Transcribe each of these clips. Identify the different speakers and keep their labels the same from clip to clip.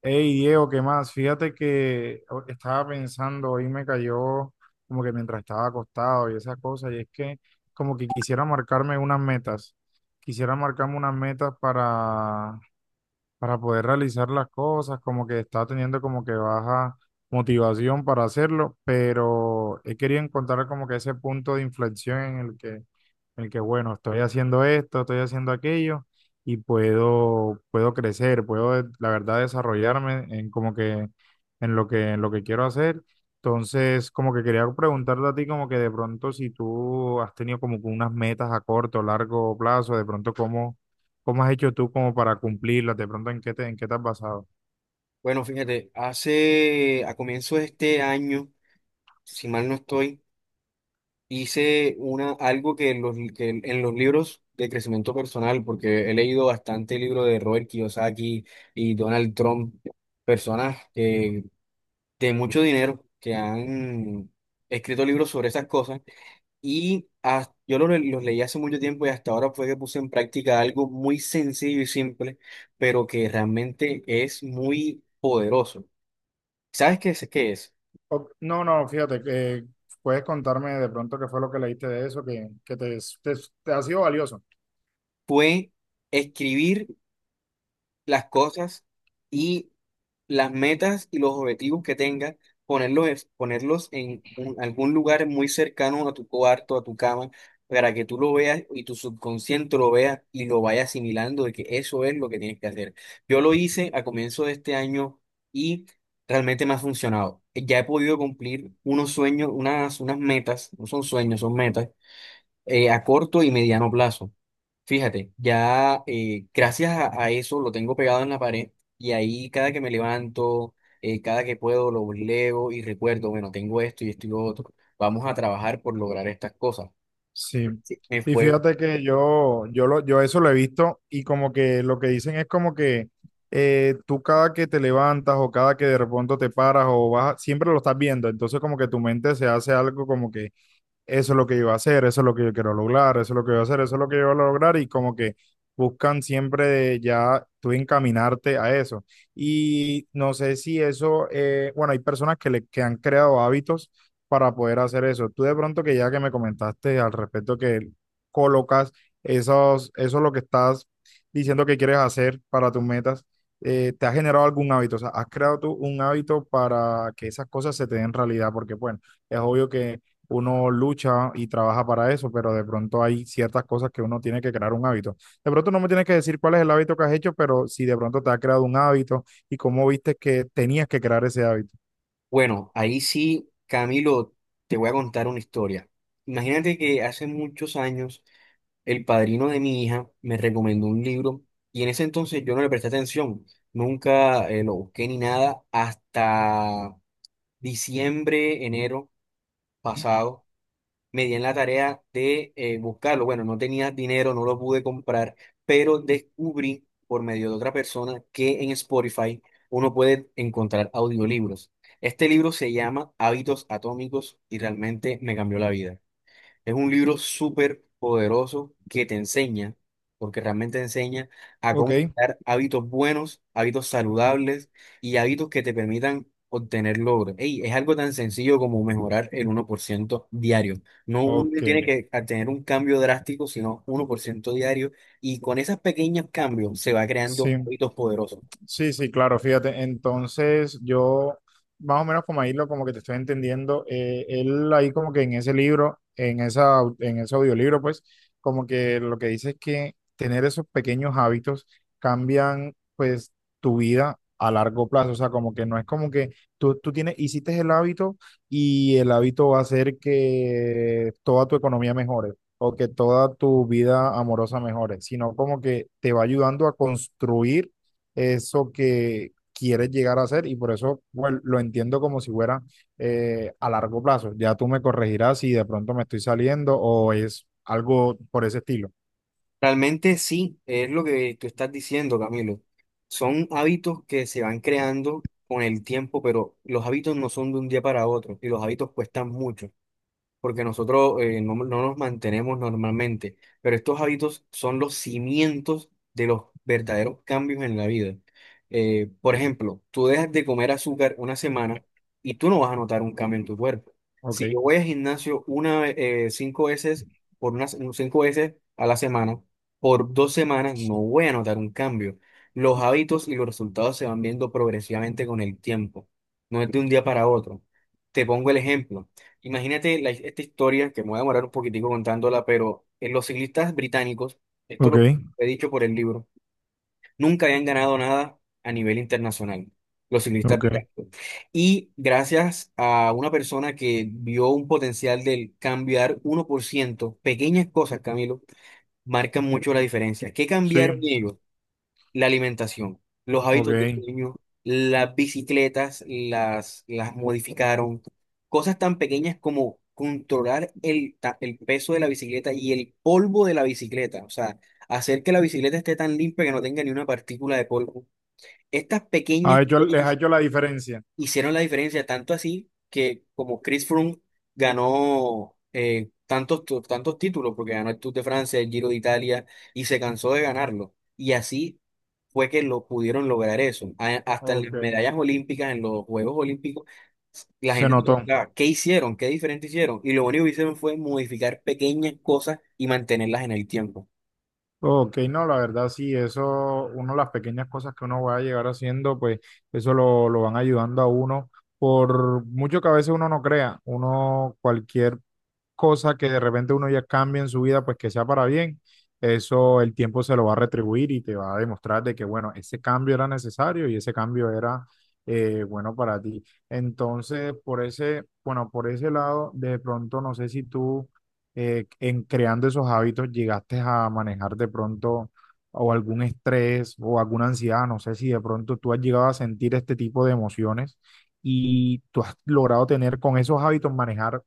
Speaker 1: Hey Diego, ¿qué más? Fíjate que estaba pensando, hoy me cayó como que mientras estaba acostado y esas cosas, y es que como que quisiera marcarme unas metas, quisiera marcarme unas metas para poder realizar las cosas, como que está teniendo como que baja motivación para hacerlo, pero he querido encontrar como que ese punto de inflexión en el que bueno, estoy haciendo esto, estoy haciendo aquello y puedo crecer, la verdad desarrollarme en como que en lo que quiero hacer. Entonces, como que quería preguntarte a ti como que de pronto si tú has tenido como que unas metas a corto o largo plazo, de pronto cómo ¿Cómo has hecho tú como para cumplirlas? ¿De pronto en qué te has basado?
Speaker 2: Bueno, fíjate, hace a comienzo de este año, si mal no estoy, hice una, algo que, en los, que en los libros de crecimiento personal, porque he leído bastante libros de Robert Kiyosaki y Donald Trump, personas que- de mucho dinero que han escrito libros sobre esas cosas, y yo los leí hace mucho tiempo y hasta ahora fue que puse en práctica algo muy sencillo y simple, pero que realmente es muy poderoso. ¿Sabes qué es? ¿Qué es?
Speaker 1: No, no, fíjate, que puedes contarme de pronto qué fue lo que leíste de eso, te, te ha sido valioso.
Speaker 2: Fue escribir las cosas y las metas y los objetivos que tengas, ponerlos, ponerlos en algún lugar muy cercano a tu cuarto, a tu cama, para que tú lo veas y tu subconsciente lo vea y lo vaya asimilando de que eso es lo que tienes que hacer. Yo lo hice a comienzo de este año y realmente me ha funcionado. Ya he podido cumplir unos sueños, unas, unas metas, no son sueños, son metas, a corto y mediano plazo. Fíjate, ya gracias a eso lo tengo pegado en la pared y ahí cada que me levanto, cada que puedo lo leo y recuerdo, bueno, tengo esto y esto y lo otro, vamos a trabajar por lograr estas cosas.
Speaker 1: Sí.
Speaker 2: Sí, me
Speaker 1: Y
Speaker 2: fue,
Speaker 1: fíjate que yo eso lo he visto y como que lo que dicen es como que tú cada que te levantas o cada que de pronto te paras o vas, siempre lo estás viendo. Entonces como que tu mente se hace algo como que eso es lo que yo voy a hacer, eso es lo que yo quiero lograr, eso es lo que yo voy a hacer, eso es lo que yo voy a lograr y como que buscan siempre ya tú encaminarte a eso. Y no sé si eso, bueno, hay personas que han creado hábitos para poder hacer eso. Tú de pronto que ya que me comentaste al respecto que colocas esos, eso lo que estás diciendo que quieres hacer para tus metas, ¿te ha generado algún hábito? O sea, ¿has creado tú un hábito para que esas cosas se te den realidad? Porque bueno, es obvio que uno lucha y trabaja para eso, pero de pronto hay ciertas cosas que uno tiene que crear un hábito. De pronto no me tienes que decir cuál es el hábito que has hecho, pero si de pronto te has creado un hábito y cómo viste que tenías que crear ese hábito.
Speaker 2: bueno, ahí sí, Camilo, te voy a contar una historia. Imagínate que hace muchos años el padrino de mi hija me recomendó un libro y en ese entonces yo no le presté atención, nunca lo busqué ni nada hasta diciembre, enero pasado, me di en la tarea de buscarlo. Bueno, no tenía dinero, no lo pude comprar, pero descubrí por medio de otra persona que en Spotify uno puede encontrar audiolibros. Este libro se llama Hábitos Atómicos y realmente me cambió la vida. Es un libro súper poderoso que te enseña, porque realmente enseña a
Speaker 1: Ok,
Speaker 2: cómo crear hábitos buenos, hábitos saludables y hábitos que te permitan obtener logros. Ey, es algo tan sencillo como mejorar el uno por ciento diario. No, uno
Speaker 1: ok,
Speaker 2: tiene que tener un cambio drástico, sino uno por ciento diario. Y con esos pequeños cambios se va
Speaker 1: sí.
Speaker 2: creando hábitos poderosos.
Speaker 1: Sí, sí, claro, fíjate. Entonces, yo, más o menos como ahí lo como que te estoy entendiendo, él ahí como que en ese libro, en en ese audiolibro, pues, como que lo que dice es que tener esos pequeños hábitos cambian, pues, tu vida a largo plazo. O sea, como que no es como que tú tienes, hiciste el hábito y el hábito va a hacer que toda tu economía mejore o que toda tu vida amorosa mejore, sino como que te va ayudando a construir eso que quieres llegar a hacer y por eso bueno, lo entiendo como si fuera a largo plazo. Ya tú me corregirás si de pronto me estoy saliendo o es algo por ese estilo.
Speaker 2: Realmente sí, es lo que tú estás diciendo, Camilo. Son hábitos que se van creando con el tiempo, pero los hábitos no son de un día para otro y los hábitos cuestan mucho porque nosotros no nos mantenemos normalmente, pero estos hábitos son los cimientos de los verdaderos cambios en la vida. Por ejemplo, tú dejas de comer azúcar una semana y tú no vas a notar un cambio en tu cuerpo.
Speaker 1: Ok,
Speaker 2: Si yo voy al gimnasio una, cinco veces, por unas cinco veces a la semana, por dos semanas no voy a notar un cambio. Los hábitos y los resultados se van viendo progresivamente con el tiempo, no es de un día para otro. Te pongo el ejemplo. Imagínate esta historia, que me voy a demorar un poquitico contándola, pero en los ciclistas británicos, esto
Speaker 1: ok,
Speaker 2: lo he dicho por el libro, nunca habían ganado nada a nivel internacional, los ciclistas
Speaker 1: ok.
Speaker 2: británicos. Y gracias a una persona que vio un potencial del cambiar uno por ciento, pequeñas cosas, Camilo, marcan mucho la diferencia. ¿Qué
Speaker 1: Sí,
Speaker 2: cambiaron ellos? La alimentación, los hábitos de
Speaker 1: ok.
Speaker 2: sueño, las bicicletas las modificaron, cosas tan pequeñas como controlar el peso de la bicicleta y el polvo de la bicicleta, o sea, hacer que la bicicleta esté tan limpia que no tenga ni una partícula de polvo. Estas pequeñas
Speaker 1: Ha hecho, les ha
Speaker 2: cosas
Speaker 1: hecho la diferencia.
Speaker 2: hicieron la diferencia, tanto así que como Chris Froome ganó tantos, tantos títulos, porque ganó el Tour de Francia, el Giro de Italia, y se cansó de ganarlo. Y así fue que lo pudieron lograr eso. Hasta en las
Speaker 1: Ok,
Speaker 2: medallas olímpicas, en los Juegos Olímpicos, la
Speaker 1: se
Speaker 2: gente se
Speaker 1: notó.
Speaker 2: preguntaba, ¿qué hicieron? ¿Qué diferente hicieron? Y lo único que hicieron fue modificar pequeñas cosas y mantenerlas en el tiempo.
Speaker 1: Ok, no, la verdad sí, eso, uno, las pequeñas cosas que uno va a llegar haciendo, pues eso lo van ayudando a uno, por mucho que a veces uno no crea, uno, cualquier cosa que de repente uno ya cambia en su vida, pues que sea para bien, eso el tiempo se lo va a retribuir y te va a demostrar de que, bueno, ese cambio era necesario y ese cambio era bueno para ti. Entonces, por ese, bueno, por ese lado, de pronto no sé si tú en creando esos hábitos llegaste a manejar de pronto o algún estrés o alguna ansiedad, no sé si de pronto tú has llegado a sentir este tipo de emociones y tú has logrado tener con esos hábitos manejar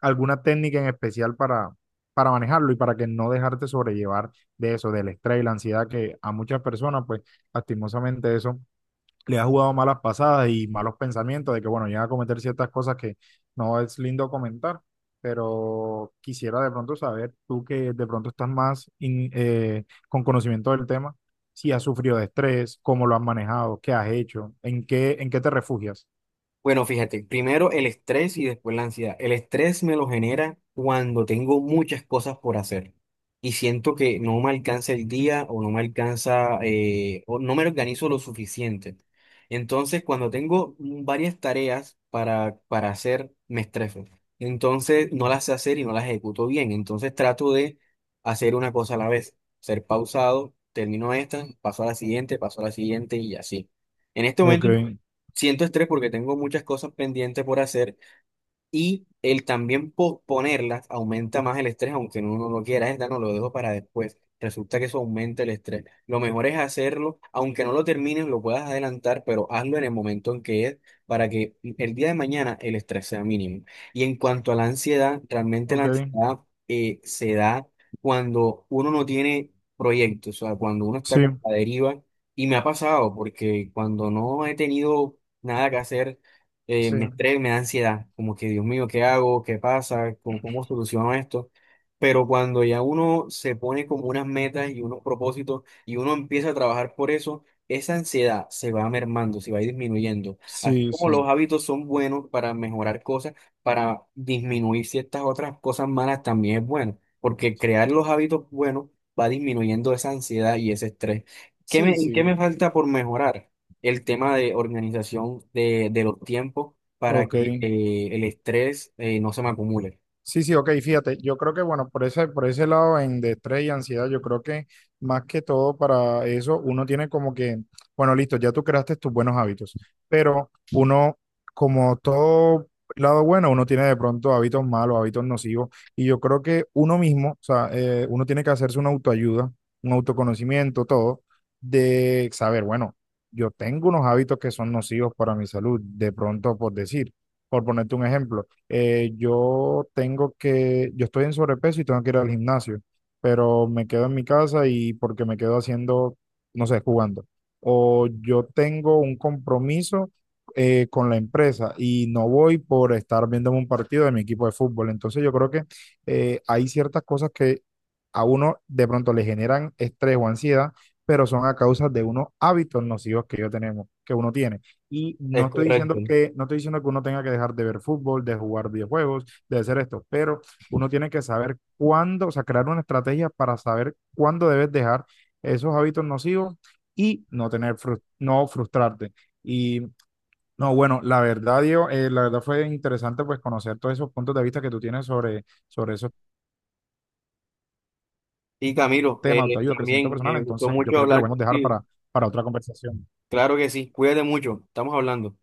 Speaker 1: alguna técnica en especial para manejarlo y para que no dejarte sobrellevar de eso, del estrés y la ansiedad que a muchas personas, pues lastimosamente eso le ha jugado malas pasadas y malos pensamientos de que, bueno, llega a cometer ciertas cosas que no es lindo comentar, pero quisiera de pronto saber, tú que de pronto estás más con conocimiento del tema, si has sufrido de estrés, cómo lo has manejado, qué has hecho, en qué te refugias.
Speaker 2: Bueno, fíjate, primero el estrés y después la ansiedad. El estrés me lo genera cuando tengo muchas cosas por hacer y siento que no me alcanza el día o no me alcanza o no me organizo lo suficiente. Entonces, cuando tengo varias tareas para hacer, me estreso. Entonces, no las sé hacer y no las ejecuto bien. Entonces, trato de hacer una cosa a la vez, ser pausado, termino esta, paso a la siguiente, paso a la siguiente y así. En este
Speaker 1: Ok,
Speaker 2: momento siento estrés porque tengo muchas cosas pendientes por hacer y el también posponerlas aumenta más el estrés, aunque uno no lo quiera, esta no lo dejo para después. Resulta que eso aumenta el estrés. Lo mejor es hacerlo, aunque no lo termines, lo puedas adelantar, pero hazlo en el momento en que es, para que el día de mañana el estrés sea mínimo. Y en cuanto a la ansiedad, realmente la
Speaker 1: ok,
Speaker 2: ansiedad se da cuando uno no tiene proyectos, o sea, cuando uno está
Speaker 1: sí,
Speaker 2: con la deriva. Y me ha pasado, porque cuando no he tenido nada que hacer,
Speaker 1: sí,
Speaker 2: me da ansiedad, como que Dios mío, ¿qué hago? ¿Qué pasa? ¿Cómo, cómo soluciono esto? Pero cuando ya uno se pone como unas metas y unos propósitos y uno empieza a trabajar por eso, esa ansiedad se va mermando, se va disminuyendo. Así
Speaker 1: sí,
Speaker 2: como
Speaker 1: sí.
Speaker 2: los hábitos son buenos para mejorar cosas, para disminuir ciertas otras cosas malas también es bueno, porque crear los hábitos buenos va disminuyendo esa ansiedad y ese estrés.
Speaker 1: Sí,
Speaker 2: Qué me
Speaker 1: sí,
Speaker 2: falta por mejorar? El tema de organización de los tiempos para
Speaker 1: ok.
Speaker 2: que el estrés no se me acumule.
Speaker 1: Sí, sí, ok, fíjate, yo creo que bueno, por ese lado en de estrés y ansiedad, yo creo que más que todo para eso, uno tiene como que, bueno, listo, ya tú creaste tus buenos hábitos, pero uno, como todo lado bueno, uno tiene de pronto hábitos malos, hábitos nocivos, y yo creo que uno mismo, o sea, uno tiene que hacerse una autoayuda, un autoconocimiento, todo, de saber, bueno, yo tengo unos hábitos que son nocivos para mi salud, de pronto por decir, por ponerte un ejemplo yo tengo yo estoy en sobrepeso y tengo que ir al gimnasio, pero me quedo en mi casa y porque me quedo haciendo, no sé, jugando. O yo tengo un compromiso con la empresa y no voy por estar viendo un partido de mi equipo de fútbol. Entonces yo creo que hay ciertas cosas que a uno de pronto le generan estrés o ansiedad, pero son a causa de unos hábitos nocivos que yo tenemos, que uno tiene. Y no
Speaker 2: Es
Speaker 1: estoy diciendo
Speaker 2: correcto.
Speaker 1: que uno tenga que dejar de ver fútbol, de jugar videojuegos, de hacer esto, pero uno tiene que saber cuándo, o sea, crear una estrategia para saber cuándo debes dejar esos hábitos nocivos y no tener, no frustrarte. Y no, bueno, la verdad, Diego, la verdad fue interesante pues conocer todos esos puntos de vista que tú tienes sobre esos
Speaker 2: Y Camilo,
Speaker 1: temas, autoayuda, crecimiento
Speaker 2: también
Speaker 1: personal.
Speaker 2: me gustó
Speaker 1: Entonces, yo
Speaker 2: mucho
Speaker 1: creo que lo
Speaker 2: hablar
Speaker 1: podemos dejar
Speaker 2: contigo.
Speaker 1: para otra conversación.
Speaker 2: Claro que sí, cuídate mucho, estamos hablando.